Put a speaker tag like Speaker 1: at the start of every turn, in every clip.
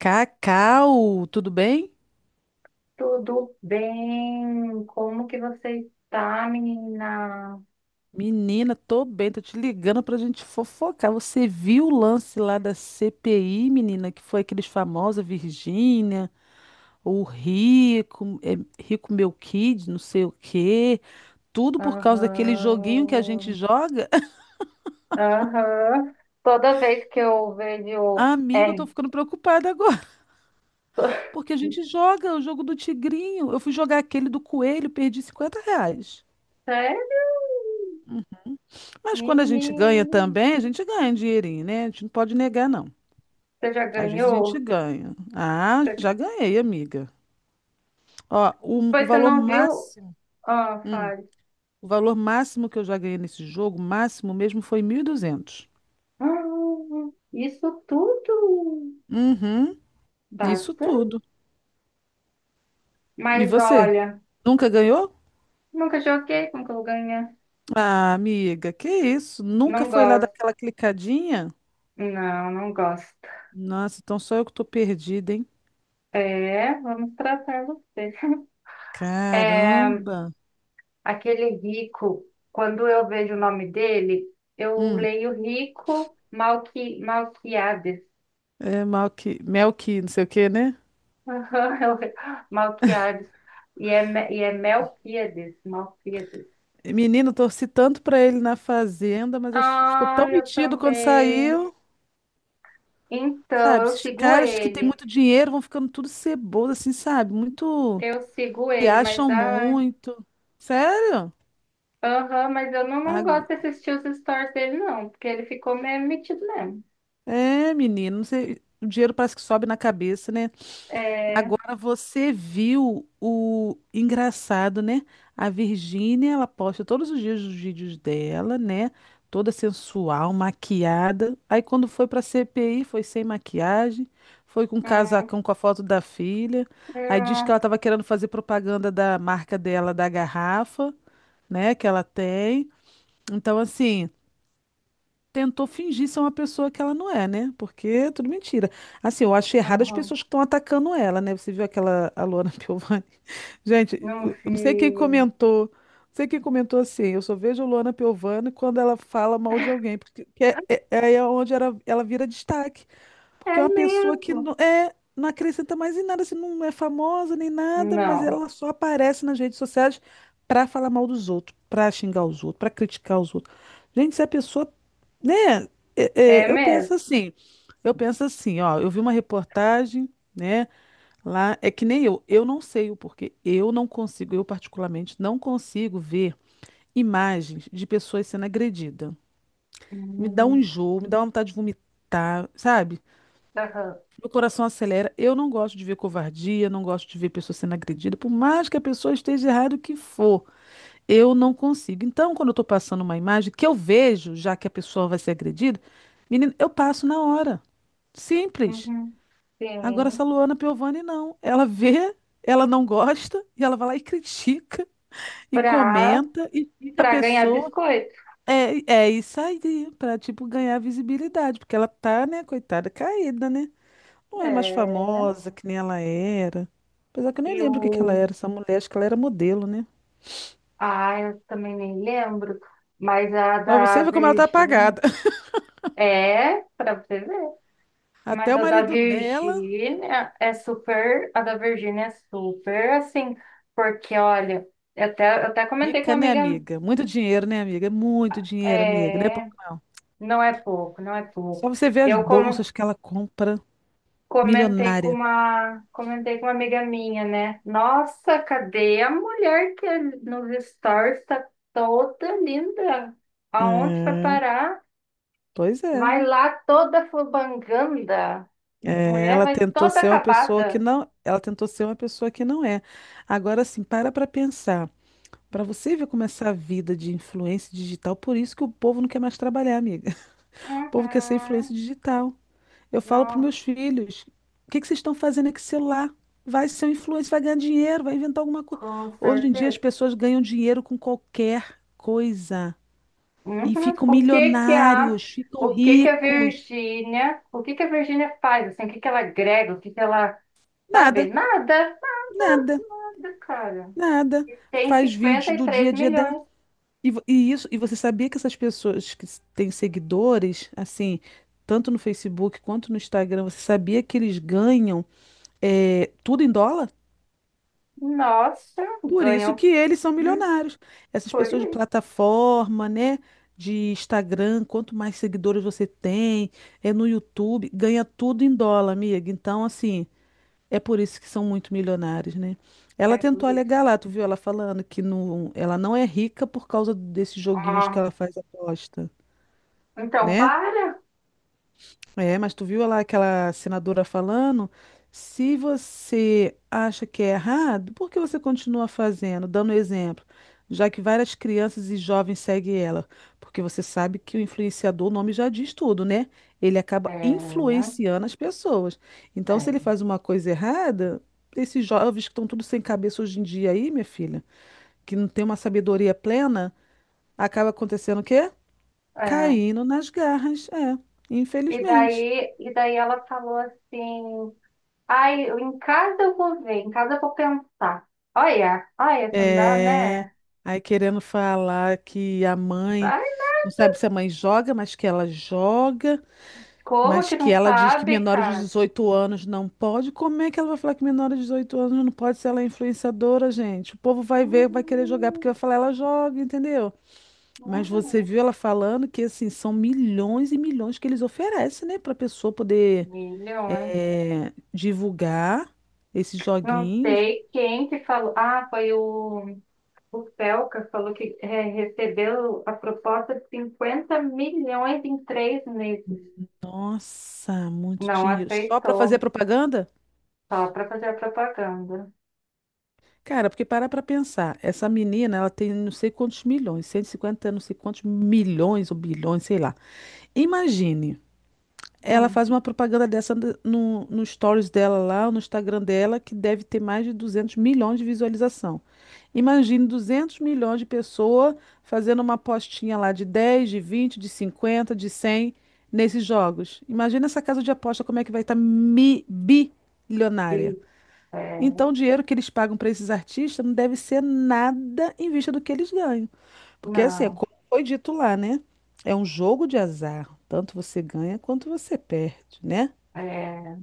Speaker 1: Cacau, tudo bem?
Speaker 2: Tudo bem? Como que você está, menina?
Speaker 1: Menina, tô bem, tô te ligando pra gente fofocar. Você viu o lance lá da CPI, menina, que foi aqueles famosos, a Virgínia, o Rico, Rico Meu Kid, não sei o quê. Tudo por causa daquele joguinho que a gente
Speaker 2: Aham.
Speaker 1: joga.
Speaker 2: Aham. Toda vez que eu vejo.
Speaker 1: Amiga, eu
Speaker 2: É.
Speaker 1: tô ficando preocupada agora,
Speaker 2: to-
Speaker 1: porque a gente joga o jogo do tigrinho. Eu fui jogar aquele do coelho, perdi R$ 50.
Speaker 2: Sério?
Speaker 1: Mas quando a
Speaker 2: Menina.
Speaker 1: gente ganha também, a gente ganha um dinheirinho, né? A gente não pode negar, não.
Speaker 2: Você já
Speaker 1: Às vezes a gente
Speaker 2: ganhou?
Speaker 1: ganha. Ah,
Speaker 2: Você-
Speaker 1: já ganhei, amiga. Ó, o
Speaker 2: Pois você
Speaker 1: valor
Speaker 2: não viu?
Speaker 1: máximo,
Speaker 2: Ah, faz.
Speaker 1: o valor máximo que eu já ganhei nesse jogo, máximo mesmo, foi 1.200.
Speaker 2: Ah, isso tudo.
Speaker 1: Uhum, isso
Speaker 2: Basta.
Speaker 1: tudo. E
Speaker 2: Mas
Speaker 1: você?
Speaker 2: olha,
Speaker 1: Nunca ganhou?
Speaker 2: nunca joguei, como que eu vou ganhar.
Speaker 1: Ah, amiga, que isso? Nunca
Speaker 2: Não
Speaker 1: foi lá
Speaker 2: gosto.
Speaker 1: daquela clicadinha?
Speaker 2: Não, não gosto.
Speaker 1: Nossa, então só eu que tô perdida, hein?
Speaker 2: É, vamos tratar você. é
Speaker 1: Caramba!
Speaker 2: Aquele rico, quando eu vejo o nome dele, eu
Speaker 1: Hum,
Speaker 2: leio Rico Malqui, Malquiades.
Speaker 1: é mal que, mel que, não sei o quê, né?
Speaker 2: Aham. Malquiades. E é Melquiades, Malquiades.
Speaker 1: Menino, torci tanto pra ele na fazenda, mas ficou
Speaker 2: Ah,
Speaker 1: tão
Speaker 2: eu
Speaker 1: metido quando
Speaker 2: também.
Speaker 1: saiu.
Speaker 2: Então,
Speaker 1: Sabe,
Speaker 2: eu
Speaker 1: esses
Speaker 2: sigo
Speaker 1: caras que têm
Speaker 2: ele.
Speaker 1: muito dinheiro vão ficando tudo ceboso, assim, sabe? Muito.
Speaker 2: Eu sigo
Speaker 1: Se
Speaker 2: ele, mas
Speaker 1: acham
Speaker 2: ai.
Speaker 1: muito. Sério?
Speaker 2: Aham, mas eu não gosto
Speaker 1: Ag-
Speaker 2: de assistir os stories dele, não, porque ele ficou meio metido mesmo.
Speaker 1: É, menino, não sei. O dinheiro parece que sobe na cabeça, né?
Speaker 2: É.
Speaker 1: Agora você viu o engraçado, né? A Virgínia, ela posta todos os dias os vídeos dela, né? Toda sensual, maquiada. Aí quando foi pra CPI, foi sem maquiagem, foi com um
Speaker 2: Hum,
Speaker 1: casacão com a foto da filha. Aí diz que
Speaker 2: hum,
Speaker 1: ela tava querendo fazer propaganda da marca dela, da garrafa, né, que ela tem. Então assim, tentou fingir ser uma pessoa que ela não é, né? Porque é tudo mentira. Assim, eu acho errado as
Speaker 2: aham.
Speaker 1: pessoas que estão atacando ela, né? Você viu aquela a Luana Piovani? Gente,
Speaker 2: Não
Speaker 1: eu não sei quem
Speaker 2: fiz.
Speaker 1: comentou. Não sei quem comentou assim. Eu só vejo a Luana Piovani quando ela fala mal de alguém, porque que é onde era, ela vira destaque.
Speaker 2: É
Speaker 1: Porque é uma pessoa que
Speaker 2: mesmo.
Speaker 1: não, não acrescenta mais em nada, assim, não é famosa nem nada, mas
Speaker 2: Não,
Speaker 1: ela só aparece nas redes sociais para falar mal dos outros, para xingar os outros, para criticar os outros. Gente, se a pessoa, né? é-
Speaker 2: é
Speaker 1: é, eu penso
Speaker 2: mesmo.
Speaker 1: assim, eu penso assim, ó, eu vi uma reportagem, né? Lá é que nem eu não sei o porquê, eu não consigo, eu particularmente não consigo ver imagens de pessoas sendo agredidas. Me dá um
Speaker 2: Hum.
Speaker 1: enjoo, me dá uma vontade de vomitar, sabe?
Speaker 2: Aham.
Speaker 1: Meu coração acelera. Eu não gosto de ver covardia, não gosto de ver pessoa sendo agredida, por mais que a pessoa esteja errada o que for. Eu não consigo. Então, quando eu estou passando uma imagem que eu vejo, já que a pessoa vai ser agredida, menina, eu passo na hora. Simples.
Speaker 2: Uhum.
Speaker 1: Agora, essa
Speaker 2: Sim.
Speaker 1: Luana Piovani, não. Ela vê, ela não gosta, e ela vai lá e critica, e
Speaker 2: Pra,
Speaker 1: comenta, e fica a
Speaker 2: pra ganhar
Speaker 1: pessoa.
Speaker 2: biscoito.
Speaker 1: É, é isso aí, para tipo, ganhar visibilidade, porque ela tá, né, coitada, caída, né? Não é mais
Speaker 2: É.
Speaker 1: famosa que nem ela era. Apesar que eu nem
Speaker 2: E o.
Speaker 1: lembro o que que ela era, essa mulher, acho que ela era modelo, né?
Speaker 2: Ah, eu também nem lembro. Mas a
Speaker 1: Pra
Speaker 2: da
Speaker 1: você ver como ela tá
Speaker 2: Virgínia.
Speaker 1: apagada.
Speaker 2: É, pra você ver.
Speaker 1: Até
Speaker 2: Mas
Speaker 1: o
Speaker 2: a da
Speaker 1: marido dela,
Speaker 2: Virgínia é super. A da Virgínia é super assim. Porque, olha, eu até comentei com
Speaker 1: rica,
Speaker 2: uma
Speaker 1: né,
Speaker 2: amiga.
Speaker 1: amiga? Muito dinheiro, né, amiga? Muito dinheiro, amiga, né? Pouco
Speaker 2: É.
Speaker 1: não.
Speaker 2: Não é pouco, não é
Speaker 1: Só
Speaker 2: pouco.
Speaker 1: você ver as
Speaker 2: Eu como
Speaker 1: bolsas que ela compra,
Speaker 2: comentei com
Speaker 1: milionária.
Speaker 2: uma, comentei com uma amiga minha, né? Nossa, cadê a mulher que é nos stories está toda linda? Aonde vai
Speaker 1: É,
Speaker 2: parar?
Speaker 1: pois é.
Speaker 2: Vai lá toda fubanganda.
Speaker 1: É,
Speaker 2: Mulher
Speaker 1: ela
Speaker 2: vai
Speaker 1: tentou
Speaker 2: toda
Speaker 1: ser uma pessoa que
Speaker 2: acabada.
Speaker 1: não, ela tentou ser uma pessoa que não é. Agora sim, para pensar. Para você ver como essa vida de influência digital, por isso que o povo não quer mais trabalhar, amiga. O povo quer ser
Speaker 2: Uhum.
Speaker 1: influência digital. Eu falo para
Speaker 2: Não,
Speaker 1: meus filhos: o que que vocês estão fazendo aqui com celular? Vai ser um influencer, vai ganhar dinheiro, vai inventar alguma coisa.
Speaker 2: com
Speaker 1: Hoje em dia as
Speaker 2: certeza.
Speaker 1: pessoas ganham dinheiro com qualquer coisa
Speaker 2: Uhum.
Speaker 1: e ficam
Speaker 2: O que que a
Speaker 1: milionários, ficam
Speaker 2: o que que a
Speaker 1: ricos.
Speaker 2: Virgínia, o que que a Virgínia faz assim? O que que ela agrega? O que que ela, sabe?
Speaker 1: Nada,
Speaker 2: Nada.
Speaker 1: nada,
Speaker 2: Cara,
Speaker 1: nada.
Speaker 2: e tem
Speaker 1: Faz vídeos
Speaker 2: cinquenta e
Speaker 1: do dia
Speaker 2: três
Speaker 1: a dia dela.
Speaker 2: milhões.
Speaker 1: E, e isso, e você sabia que essas pessoas que têm seguidores, assim, tanto no Facebook quanto no Instagram, você sabia que eles ganham tudo em dólar?
Speaker 2: Nossa,
Speaker 1: Por isso
Speaker 2: ganhou.
Speaker 1: que eles são
Speaker 2: Hum,
Speaker 1: milionários. Essas
Speaker 2: por
Speaker 1: pessoas de
Speaker 2: isso.
Speaker 1: plataforma, né? De Instagram, quanto mais seguidores você tem, é no YouTube, ganha tudo em dólar, amiga. Então, assim, é por isso que são muito milionários, né? Ela
Speaker 2: É por
Speaker 1: tentou
Speaker 2: isso.
Speaker 1: alegar lá, tu viu ela falando que não, ela não é rica por causa desses joguinhos que
Speaker 2: Ah,
Speaker 1: ela faz aposta,
Speaker 2: então,
Speaker 1: né?
Speaker 2: para.
Speaker 1: É, mas tu viu lá aquela senadora falando? Se você acha que é errado, por que você continua fazendo, dando exemplo? Já que várias crianças e jovens seguem ela. Porque você sabe que o influenciador, o nome já diz tudo, né? Ele acaba
Speaker 2: É,
Speaker 1: influenciando as pessoas. Então, se ele
Speaker 2: é,
Speaker 1: faz uma coisa errada, esses jovens que estão tudo sem cabeça hoje em dia aí, minha filha, que não tem uma sabedoria plena, acaba acontecendo o quê?
Speaker 2: é.
Speaker 1: Caindo nas garras. É, infelizmente.
Speaker 2: E daí ela falou assim: ai, eu- em casa eu vou ver, em casa eu vou pensar. Olha, olha, isso não dá, né?
Speaker 1: Aí querendo falar que a mãe,
Speaker 2: Ai,
Speaker 1: não sabe se a mãe joga, mas que ela joga,
Speaker 2: como
Speaker 1: mas
Speaker 2: que
Speaker 1: que
Speaker 2: não
Speaker 1: ela diz que
Speaker 2: sabe,
Speaker 1: menores de
Speaker 2: cara?
Speaker 1: 18 anos não pode. Como é que ela vai falar que menores de 18 anos não pode se ela é influenciadora, gente? O povo vai ver, vai querer jogar porque
Speaker 2: Hum,
Speaker 1: vai falar ela joga, entendeu? Mas você
Speaker 2: hum,
Speaker 1: viu ela falando que assim são milhões e milhões que eles oferecem, né, para pessoa poder
Speaker 2: Milhões.
Speaker 1: divulgar esses
Speaker 2: Não
Speaker 1: joguinhos.
Speaker 2: sei quem que falou. Ah, foi o. O Felca falou que recebeu a proposta de 50 milhões em 3 meses.
Speaker 1: Nossa, muito
Speaker 2: Não
Speaker 1: dinheiro. Só para fazer
Speaker 2: aceitou,
Speaker 1: propaganda?
Speaker 2: só para fazer a propaganda.
Speaker 1: Cara, porque parar pra pensar, essa menina, ela tem não sei quantos milhões, 150 não sei quantos milhões ou bilhões, sei lá. Imagine, ela
Speaker 2: Hum,
Speaker 1: faz uma propaganda dessa no stories dela lá, no Instagram dela, que deve ter mais de 200 milhões de visualização. Imagine 200 milhões de pessoas fazendo uma apostinha lá de 10, de 20, de 50, de 100 nesses jogos. Imagina essa casa de aposta como é que vai estar bilionária.
Speaker 2: e, é,
Speaker 1: Então, o dinheiro que eles pagam para esses artistas não deve ser nada em vista do que eles ganham. Porque, assim, é
Speaker 2: não.
Speaker 1: como foi dito lá, né? É um jogo de azar. Tanto você ganha quanto você perde, né?
Speaker 2: É,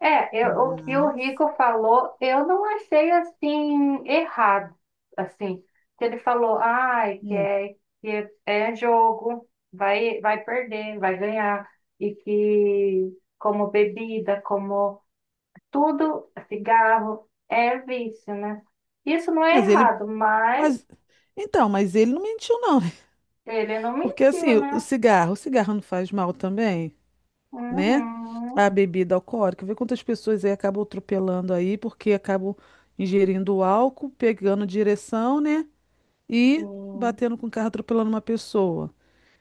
Speaker 2: é, eu- o que o Rico falou, eu não achei assim errado. Assim, que ele falou, ai, que
Speaker 1: Hum.
Speaker 2: é, que é é jogo, vai, vai perder, vai ganhar. E que como bebida, como tudo, cigarro, é vício, né? Isso não é
Speaker 1: Mas ele.
Speaker 2: errado, mas
Speaker 1: Mas, então, mas ele não mentiu, não.
Speaker 2: ele não
Speaker 1: Porque,
Speaker 2: mentiu,
Speaker 1: assim, o
Speaker 2: né?
Speaker 1: cigarro, o cigarro não faz mal também, né?
Speaker 2: Uhum,
Speaker 1: A bebida alcoólica. Vê quantas pessoas aí acabam atropelando aí, porque acabam ingerindo álcool, pegando direção, né? E
Speaker 2: sim.
Speaker 1: batendo com o carro, atropelando uma pessoa.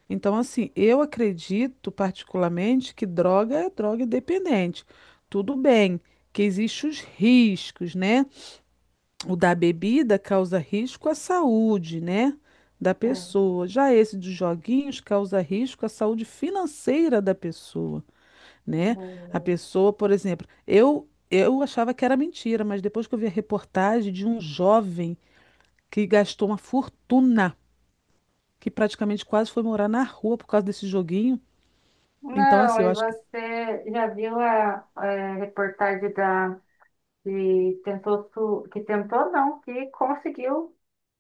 Speaker 1: Então, assim, eu acredito particularmente que droga é droga dependente. Tudo bem que existem os riscos, né? O da bebida causa risco à saúde, né? Da
Speaker 2: É,
Speaker 1: pessoa. Já esse dos joguinhos causa risco à saúde financeira da pessoa, né? A
Speaker 2: é.
Speaker 1: pessoa, por exemplo, eu achava que era mentira, mas depois que eu vi a reportagem de um jovem que gastou uma fortuna, que praticamente quase foi morar na rua por causa desse joguinho. Então,
Speaker 2: Não,
Speaker 1: assim, eu
Speaker 2: e
Speaker 1: acho que.
Speaker 2: você já viu a, reportagem da que tentou, que conseguiu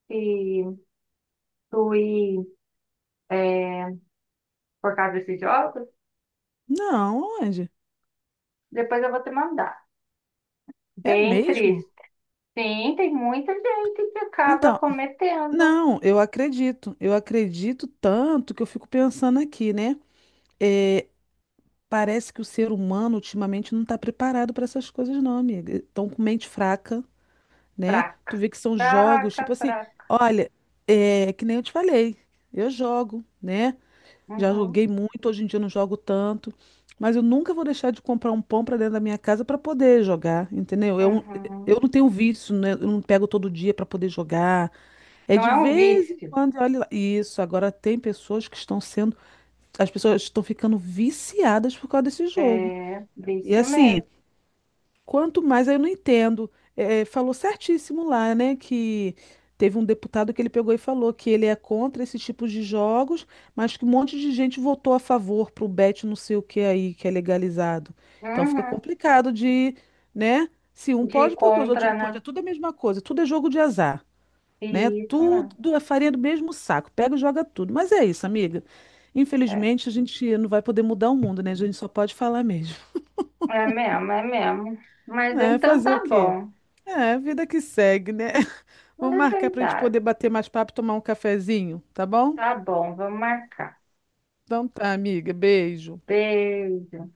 Speaker 2: se suir é, por causa desses jogos?
Speaker 1: Não, Andy,
Speaker 2: Depois eu vou te mandar.
Speaker 1: é
Speaker 2: Bem
Speaker 1: mesmo?
Speaker 2: triste. Sim, tem muita gente que acaba
Speaker 1: Então,
Speaker 2: cometendo.
Speaker 1: não, eu acredito. Eu acredito tanto que eu fico pensando aqui, né? É, parece que o ser humano ultimamente não está preparado para essas coisas, não, amiga. Estão com mente fraca, né? Tu
Speaker 2: Fraca.
Speaker 1: vê que são jogos, tipo assim,
Speaker 2: Fraca.
Speaker 1: olha, é que nem eu te falei, eu jogo, né? Já
Speaker 2: Uhum,
Speaker 1: joguei muito, hoje em dia eu não jogo tanto, mas eu nunca vou deixar de comprar um pão para dentro da minha casa para poder jogar, entendeu? Eu,
Speaker 2: uhum.
Speaker 1: eu não tenho vício, né? Eu não pego todo dia para poder jogar. É
Speaker 2: Não
Speaker 1: de
Speaker 2: é um
Speaker 1: vez em
Speaker 2: vício.
Speaker 1: quando, olha lá. Isso, agora tem pessoas que estão sendo, as pessoas estão ficando viciadas por causa desse jogo.
Speaker 2: É
Speaker 1: E
Speaker 2: vício
Speaker 1: assim,
Speaker 2: mesmo.
Speaker 1: quanto mais aí eu não entendo. É, falou certíssimo lá, né? Que teve um deputado que ele pegou e falou que ele é contra esse tipo de jogos, mas que um monte de gente votou a favor pro bet não sei o que aí, que é legalizado. Então fica
Speaker 2: Uhum.
Speaker 1: complicado de, né? Se um
Speaker 2: De ir
Speaker 1: pode, porque os outros
Speaker 2: contra,
Speaker 1: não podem.
Speaker 2: né?
Speaker 1: É tudo a mesma coisa, tudo é jogo de azar, né?
Speaker 2: Isso mesmo.
Speaker 1: Tudo é farinha do mesmo saco. Pega e joga tudo. Mas é isso, amiga.
Speaker 2: É,
Speaker 1: Infelizmente, a gente não vai poder mudar o mundo, né? A gente só pode falar mesmo.
Speaker 2: é mesmo, é mesmo. Mas
Speaker 1: É,
Speaker 2: então
Speaker 1: fazer o
Speaker 2: tá
Speaker 1: quê?
Speaker 2: bom.
Speaker 1: É, vida que segue, né?
Speaker 2: Mas
Speaker 1: Vamos
Speaker 2: é
Speaker 1: marcar pra gente
Speaker 2: verdade.
Speaker 1: poder bater mais papo e tomar um cafezinho, tá bom?
Speaker 2: Tá bom, vamos marcar.
Speaker 1: Então tá, amiga. Beijo.
Speaker 2: Beijo.